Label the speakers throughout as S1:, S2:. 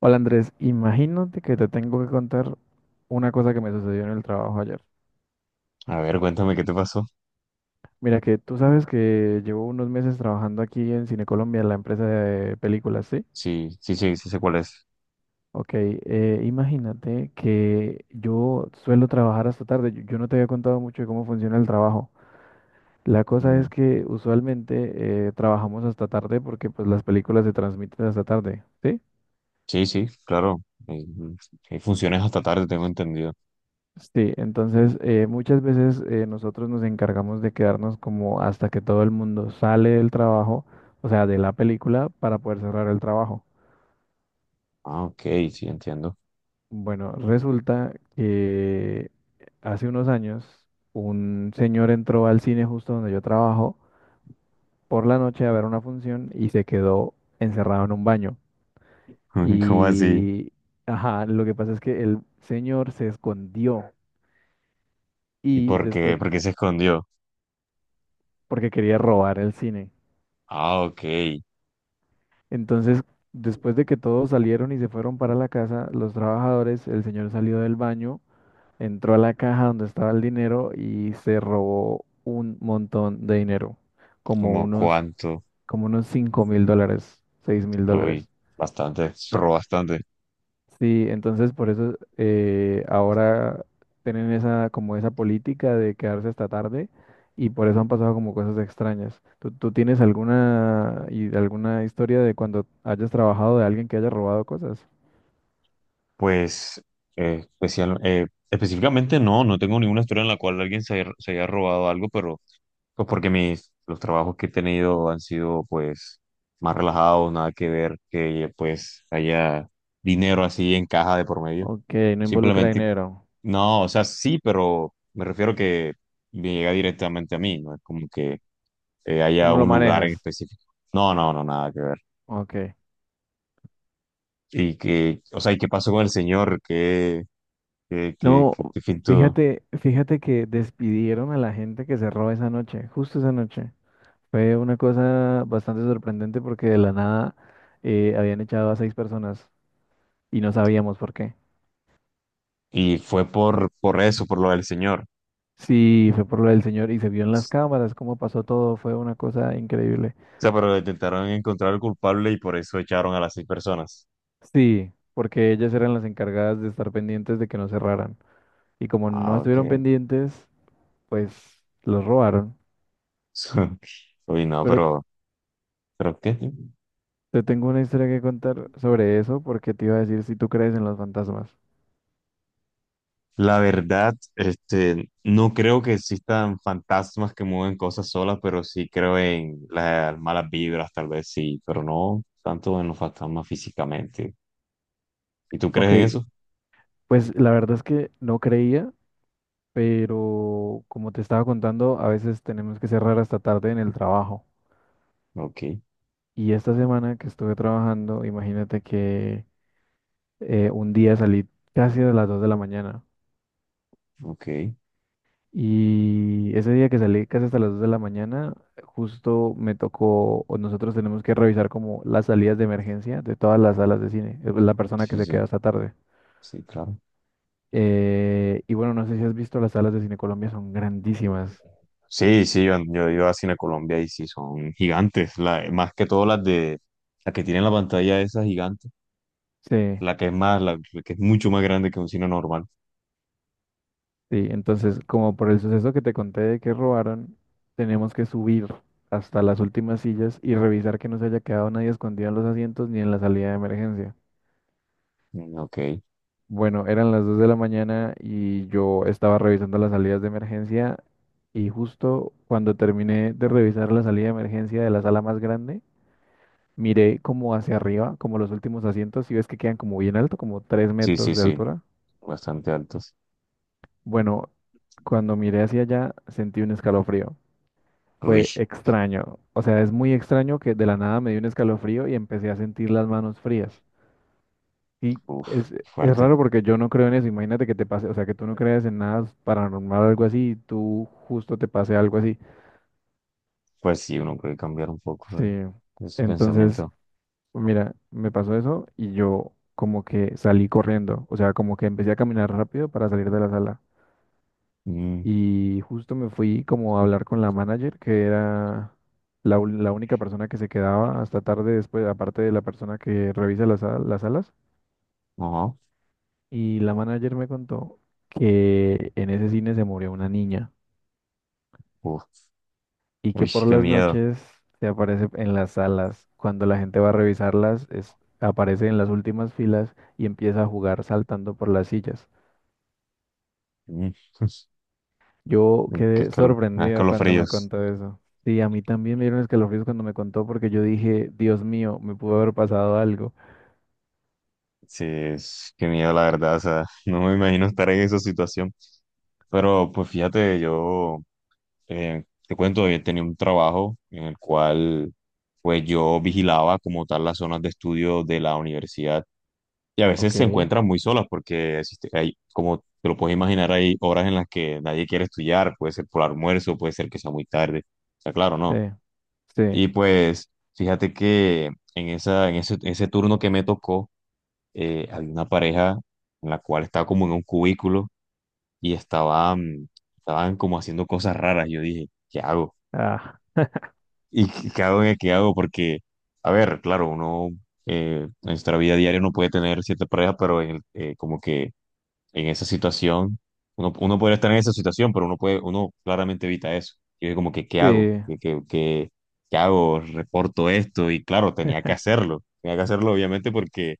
S1: Hola Andrés, imagínate que te tengo que contar una cosa que me sucedió en el trabajo ayer.
S2: A ver, cuéntame qué te pasó.
S1: Mira que tú sabes que llevo unos meses trabajando aquí en Cine Colombia, la empresa de películas, ¿sí?
S2: Sí, sí, sí, sí sé cuál es.
S1: Ok, imagínate que yo suelo trabajar hasta tarde. Yo no te había contado mucho de cómo funciona el trabajo. La cosa
S2: Mm,
S1: es que usualmente trabajamos hasta tarde porque pues las películas se transmiten hasta tarde, ¿sí?
S2: sí, sí, claro. Eh, mm, Hay funciones hasta tarde, tengo entendido.
S1: Sí, entonces muchas veces nosotros nos encargamos de quedarnos como hasta que todo el mundo sale del trabajo, o sea, de la película, para poder cerrar el trabajo.
S2: Ah, ok, sí, entiendo.
S1: Bueno, resulta que hace unos años un señor entró al cine justo donde yo trabajo por la noche a ver una función y se quedó encerrado en un baño.
S2: ¿Cómo así?
S1: Y, ajá, lo que pasa es que el señor se escondió
S2: ¿Y
S1: y
S2: por qué?
S1: después,
S2: ¿Por qué se escondió?
S1: porque quería robar el cine.
S2: Ah, ok.
S1: Entonces, después de que todos salieron y se fueron para la casa, los trabajadores, el señor salió del baño, entró a la caja donde estaba el dinero y se robó un montón de dinero, como
S2: ¿Cómo
S1: unos,
S2: cuánto?
S1: como unos $5,000, seis mil
S2: Uy,
S1: dólares.
S2: bastante, pero bastante.
S1: Sí, entonces por eso ahora tienen esa, como esa política de quedarse hasta tarde y por eso han pasado como cosas extrañas. ¿Tú tienes alguna, alguna historia de cuando hayas trabajado de alguien que haya robado cosas?
S2: Pues específicamente no, no tengo ninguna historia en la cual alguien se haya robado algo, pero pues porque los trabajos que he tenido han sido pues más relajados, nada que ver que pues haya dinero así en caja de por medio.
S1: Ok, no involucra
S2: Simplemente,
S1: dinero.
S2: no, o sea, sí, pero me refiero que me llega directamente a mí, no es como que
S1: Tú
S2: haya
S1: no lo
S2: un lugar en
S1: manejas.
S2: específico. No, no, no, nada que ver.
S1: Ok.
S2: Y que, o sea, ¿y qué pasó con el señor? ¿Qué, qué, qué,
S1: No,
S2: qué, qué fin tuvo?
S1: fíjate, fíjate que despidieron a la gente que cerró esa noche, justo esa noche. Fue una cosa bastante sorprendente porque de la nada habían echado a seis personas y no sabíamos por qué.
S2: Y fue por eso, por lo del señor. O
S1: Sí, fue por lo del señor y se vio en las cámaras cómo pasó todo. Fue una cosa increíble.
S2: sea, pero intentaron encontrar al culpable y por eso echaron a las seis personas.
S1: Sí, porque ellas eran las encargadas de estar pendientes de que no cerraran. Y como no
S2: Ah, ok.
S1: estuvieron pendientes, pues los robaron.
S2: Uy, no,
S1: Pero
S2: pero ¿qué?
S1: te tengo una historia que contar sobre eso porque te iba a decir si tú crees en los fantasmas.
S2: La verdad, este, no creo que existan fantasmas que mueven cosas solas, pero sí creo en las malas vibras, tal vez sí, pero no tanto en los fantasmas físicamente. ¿Y tú crees
S1: Ok,
S2: en eso?
S1: pues la verdad es que no creía, pero como te estaba contando, a veces tenemos que cerrar hasta tarde en el trabajo.
S2: Ok,
S1: Y esta semana que estuve trabajando, imagínate que un día salí casi a las 2 de la mañana.
S2: ok.
S1: Y ese día que salí casi hasta las 2 de la mañana, justo me tocó, o nosotros tenemos que revisar como las salidas de emergencia de todas las salas de cine, la persona que
S2: Sí,
S1: se
S2: sí,
S1: queda hasta tarde.
S2: sí, claro.
S1: Y bueno, no sé si has visto, las salas de Cine Colombia son grandísimas.
S2: Sí, sí, yo he ido a Cine Colombia y sí, son gigantes. Más que todo las que tienen la pantalla esa gigante,
S1: Sí,
S2: la que es mucho más grande que un cine normal.
S1: sí. Entonces, como por el suceso que te conté de que robaron, tenemos que subir hasta las últimas sillas y revisar que no se haya quedado nadie escondido en los asientos ni en la salida de emergencia.
S2: Mm, ok,
S1: Bueno, eran las 2 de la mañana y yo estaba revisando las salidas de emergencia y justo cuando terminé de revisar la salida de emergencia de la sala más grande, miré como hacia arriba, como los últimos asientos, y ves que quedan como bien alto, como tres
S2: sí, sí,
S1: metros de
S2: sí,
S1: altura.
S2: bastante altos.
S1: Bueno, cuando miré hacia allá sentí un escalofrío.
S2: Uy,
S1: Fue extraño. O sea, es muy extraño que de la nada me dio un escalofrío y empecé a sentir las manos frías. Y
S2: uf,
S1: es
S2: fuerte.
S1: raro porque yo no creo en eso. Imagínate que te pase, o sea, que tú no creas en nada paranormal o algo así y tú justo te pase algo así.
S2: Pues sí, uno puede cambiar un poco
S1: Sí.
S2: ese
S1: Entonces,
S2: pensamiento.
S1: mira, me pasó eso y yo como que salí corriendo. O sea, como que empecé a caminar rápido para salir de la sala.
S2: Mm,
S1: Y justo me fui como a hablar con la manager, que era la, la única persona que se quedaba hasta tarde después, aparte de la persona que revisa las salas.
S2: ajá,
S1: Y la manager me contó que en ese cine se murió una niña
S2: uf,
S1: y que
S2: uy,
S1: por
S2: qué
S1: las
S2: miedo.
S1: noches se aparece en las salas. Cuando la gente va a revisarlas, aparece en las últimas filas y empieza a jugar saltando por las sillas.
S2: Mm,
S1: Yo
S2: qué
S1: quedé
S2: calor, ah,
S1: sorprendido cuando me
S2: escalofríos.
S1: contó eso. Sí, a mí también me dieron escalofríos cuando me contó porque yo dije, Dios mío, me pudo haber pasado algo.
S2: Sí, qué miedo, la verdad. O sea, no me imagino estar en esa situación. Pero pues fíjate, yo te cuento, yo tenía un trabajo en el cual pues yo vigilaba como tal las zonas de estudio de la universidad y a veces
S1: Ok.
S2: se encuentran muy solas porque hay, como te lo puedes imaginar, hay horas en las que nadie quiere estudiar, puede ser por almuerzo, puede ser que sea muy tarde, o sea, claro,
S1: Sí,
S2: no. Y
S1: sí,
S2: pues fíjate que en ese turno que me tocó, había una pareja en la cual estaba como en un cubículo y estaban como haciendo cosas raras. Yo dije, ¿qué hago?
S1: ah,
S2: ¿Y qué hago? ¿Qué hago? Porque, a ver, claro, uno en nuestra vida diaria no puede tener cierta pareja, pero como que en esa situación, uno puede estar en esa situación, pero uno puede, uno claramente evita eso. Yo dije como que, ¿qué hago?
S1: sí,
S2: ¿Qué hago? Reporto esto y claro, tenía que hacerlo. Tenía que hacerlo obviamente porque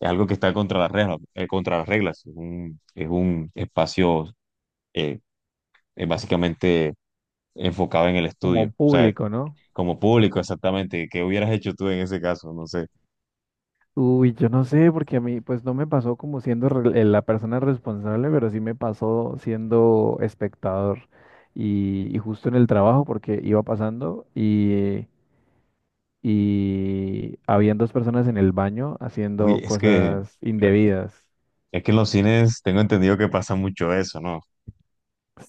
S2: es algo que está contra las reglas, contra las reglas. Es un espacio eh, básicamente enfocado en el estudio.
S1: como
S2: O sea,
S1: público, ¿no?
S2: como público exactamente, ¿qué hubieras hecho tú en ese caso? No sé.
S1: Uy, yo no sé, porque a mí pues no me pasó como siendo la persona responsable, pero sí me pasó siendo espectador y justo en el trabajo porque iba pasando y habían dos personas en el baño
S2: Uy,
S1: haciendo
S2: es que,
S1: cosas indebidas.
S2: es que en los cines tengo entendido que pasa mucho eso, ¿no?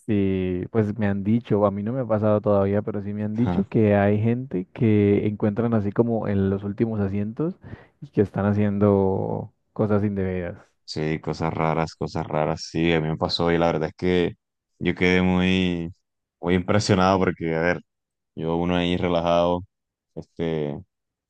S1: Sí, pues me han dicho, a mí no me ha pasado todavía, pero sí me han dicho que hay gente que encuentran así como en los últimos asientos y que están haciendo cosas indebidas.
S2: Sí, cosas raras, cosas raras. Sí, a mí me pasó y la verdad es que yo quedé muy, muy impresionado porque, a ver, yo uno ahí relajado, este,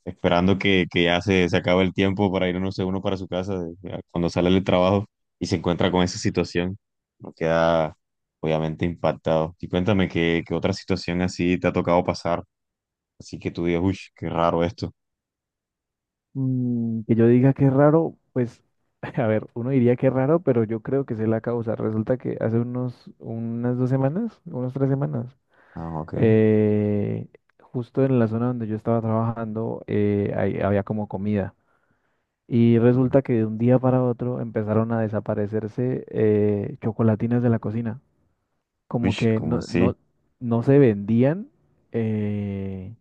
S2: esperando que ya se acabe el tiempo para ir, no sé, uno para su ya cuando sale del trabajo y se encuentra con esa situación, uno queda obviamente impactado. Y cuéntame qué otra situación así te ha tocado pasar, así que tú digas, uy, qué raro esto.
S1: Que yo diga que es raro, pues, a ver, uno diría que es raro, pero yo creo que sé la causa. Resulta que hace unas 2 semanas, unas 3 semanas,
S2: Ah, ok.
S1: eh, justo en la zona donde yo estaba trabajando, ahí había como comida. Y
S2: Mm,
S1: resulta que de un día para otro empezaron a desaparecerse chocolatinas de la cocina.
S2: uy,
S1: Como que
S2: ¿cómo
S1: no,
S2: así?
S1: no, no se vendían, eh,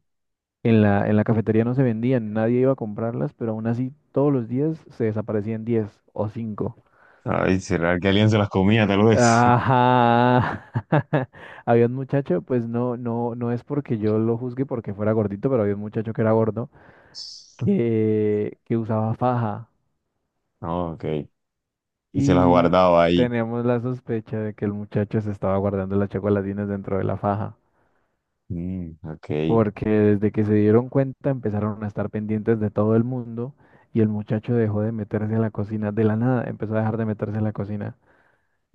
S1: en la cafetería no se vendían, nadie iba a comprarlas, pero aún así todos los días se desaparecían 10 o cinco.
S2: Ay, ¿será que alguien se las comía, tal vez?
S1: Ajá. Había un muchacho, pues no, no, no es porque yo lo juzgue porque fuera gordito, pero había un muchacho que era gordo que usaba faja.
S2: No, ok. Y se las
S1: Y
S2: guardaba ahí.
S1: tenemos la sospecha de que el muchacho se estaba guardando las chocolatinas dentro de la faja,
S2: Mm, ok.
S1: porque desde que se dieron cuenta empezaron a estar pendientes de todo el mundo y el muchacho dejó de meterse a la cocina de la nada, empezó a dejar de meterse a la cocina.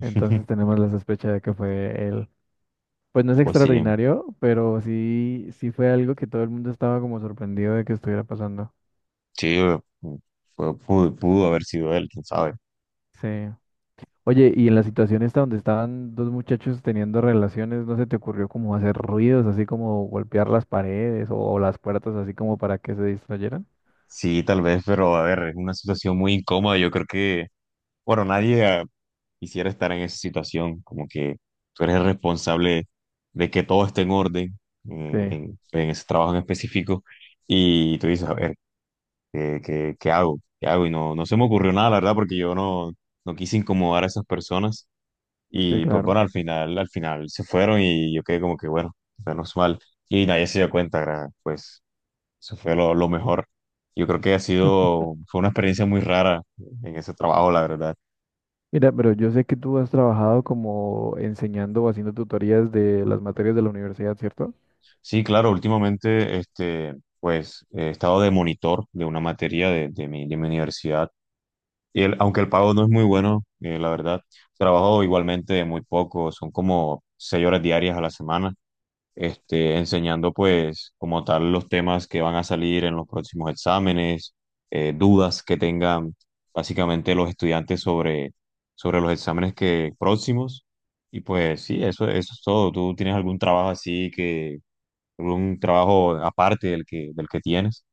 S1: Entonces tenemos la sospecha de que fue él. Pues no es
S2: Pues sí,
S1: extraordinario, pero sí, sí fue algo que todo el mundo estaba como sorprendido de que estuviera pasando.
S2: sí, pu- pudo haber sido él, quién sabe.
S1: Sí. Oye, y en la situación esta donde estaban dos muchachos teniendo relaciones, ¿no se te ocurrió como hacer ruidos, así como golpear las paredes o, las puertas, así como para que se distrayeran?
S2: Sí, tal vez, pero a ver, es una situación muy incómoda. Yo creo que, bueno, nadie quisiera estar en esa situación. Como que tú eres el responsable de que todo esté en orden en,
S1: Sí,
S2: en en ese trabajo en específico. Y tú dices, a ver. ¿Qué hago? ¿Qué hago? Y no, no, se me ocurrió nada, la verdad, porque yo no quise incomodar a esas personas.
S1: sí,
S2: Y pues bueno,
S1: claro.
S2: al final se fueron y yo quedé como que bueno, menos mal. Y nadie se dio cuenta, pues eso fue lo mejor. Yo creo que fue una experiencia muy rara en ese trabajo, la verdad.
S1: Mira, pero yo sé que tú has trabajado como enseñando o haciendo tutorías de las materias de la universidad, ¿cierto?
S2: Sí, claro, últimamente, este, pues he estado de monitor de una materia de mi universidad. Aunque el pago no es muy bueno, la verdad, trabajo igualmente muy poco, son como 6 horas diarias a la semana, este, enseñando pues como tal los temas que van a salir en los próximos exámenes, dudas que tengan básicamente los estudiantes sobre los exámenes que, próximos. Y pues sí, eso es todo. ¿Tú tienes algún trabajo aparte del que tienes?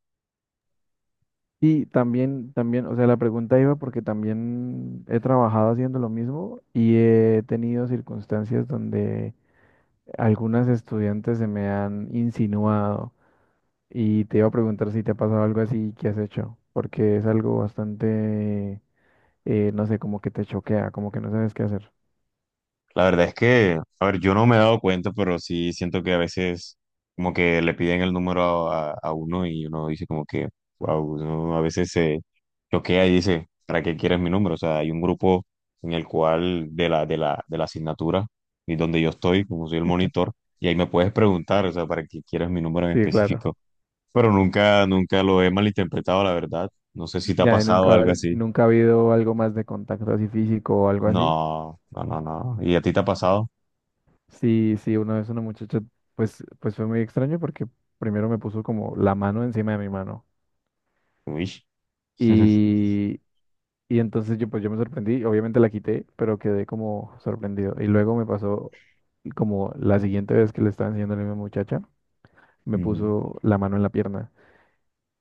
S1: Y también, también, o sea, la pregunta iba porque también he trabajado haciendo lo mismo y he tenido circunstancias donde algunas estudiantes se me han insinuado y te iba a preguntar si te ha pasado algo así y qué has hecho, porque es algo bastante, no sé, como que te choquea, como que no sabes qué hacer.
S2: La verdad es que, a ver, yo no me he dado cuenta, pero sí siento que a veces como que le piden el número a uno y uno dice como que, wow, uno a veces se choquea y dice, ¿para qué quieres mi número? O sea, hay un grupo en el cual de la asignatura y donde yo estoy, como soy el monitor, y ahí me puedes preguntar, o sea, ¿para qué quieres mi número en
S1: Sí, claro.
S2: específico? Pero nunca, nunca lo he malinterpretado, la verdad. No sé si te ha
S1: Ya, y
S2: pasado algo
S1: nunca,
S2: así.
S1: nunca ha habido algo más de contacto así físico o algo así.
S2: No, no, no, no. ¿Y a ti te ha pasado?
S1: Sí, sí, una vez una muchacha, pues fue muy extraño porque primero me puso como la mano encima de mi mano.
S2: Uy.
S1: Y, y entonces yo, pues yo me sorprendí, obviamente la quité, pero quedé como sorprendido. Y luego me pasó como la siguiente vez que le estaba enseñando a la misma muchacha, me
S2: Ujú.
S1: puso la mano en la pierna.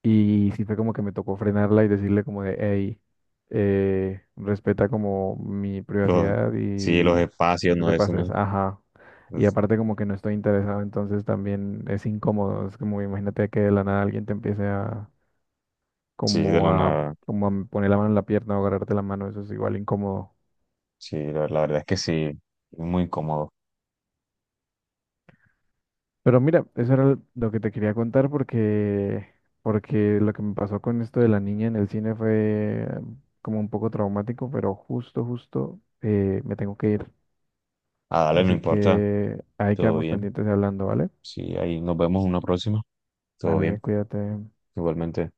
S1: Y sí fue como que me tocó frenarla y decirle como de, hey, respeta como mi
S2: Los-
S1: privacidad
S2: sí,
S1: y,
S2: los
S1: y
S2: espacios,
S1: no
S2: no,
S1: te
S2: eso no
S1: pases,
S2: es.
S1: ajá. Y
S2: Pues,
S1: aparte como que no estoy interesado, entonces también es incómodo, es como imagínate que de la nada alguien te empiece a
S2: sí, de
S1: como
S2: lo
S1: a
S2: nada.
S1: como a poner la mano en la pierna o agarrarte la mano, eso es igual incómodo.
S2: Sí, la verdad es que sí, es muy cómodo.
S1: Pero mira, eso era lo que te quería contar porque lo que me pasó con esto de la niña en el cine fue como un poco traumático, pero justo me tengo que ir.
S2: Ah, dale, no
S1: Así
S2: importa,
S1: que ahí
S2: todo
S1: quedamos
S2: bien.
S1: pendientes hablando, ¿vale?
S2: Sí, ahí nos vemos en una próxima, todo
S1: Vale,
S2: bien,
S1: cuídate.
S2: igualmente.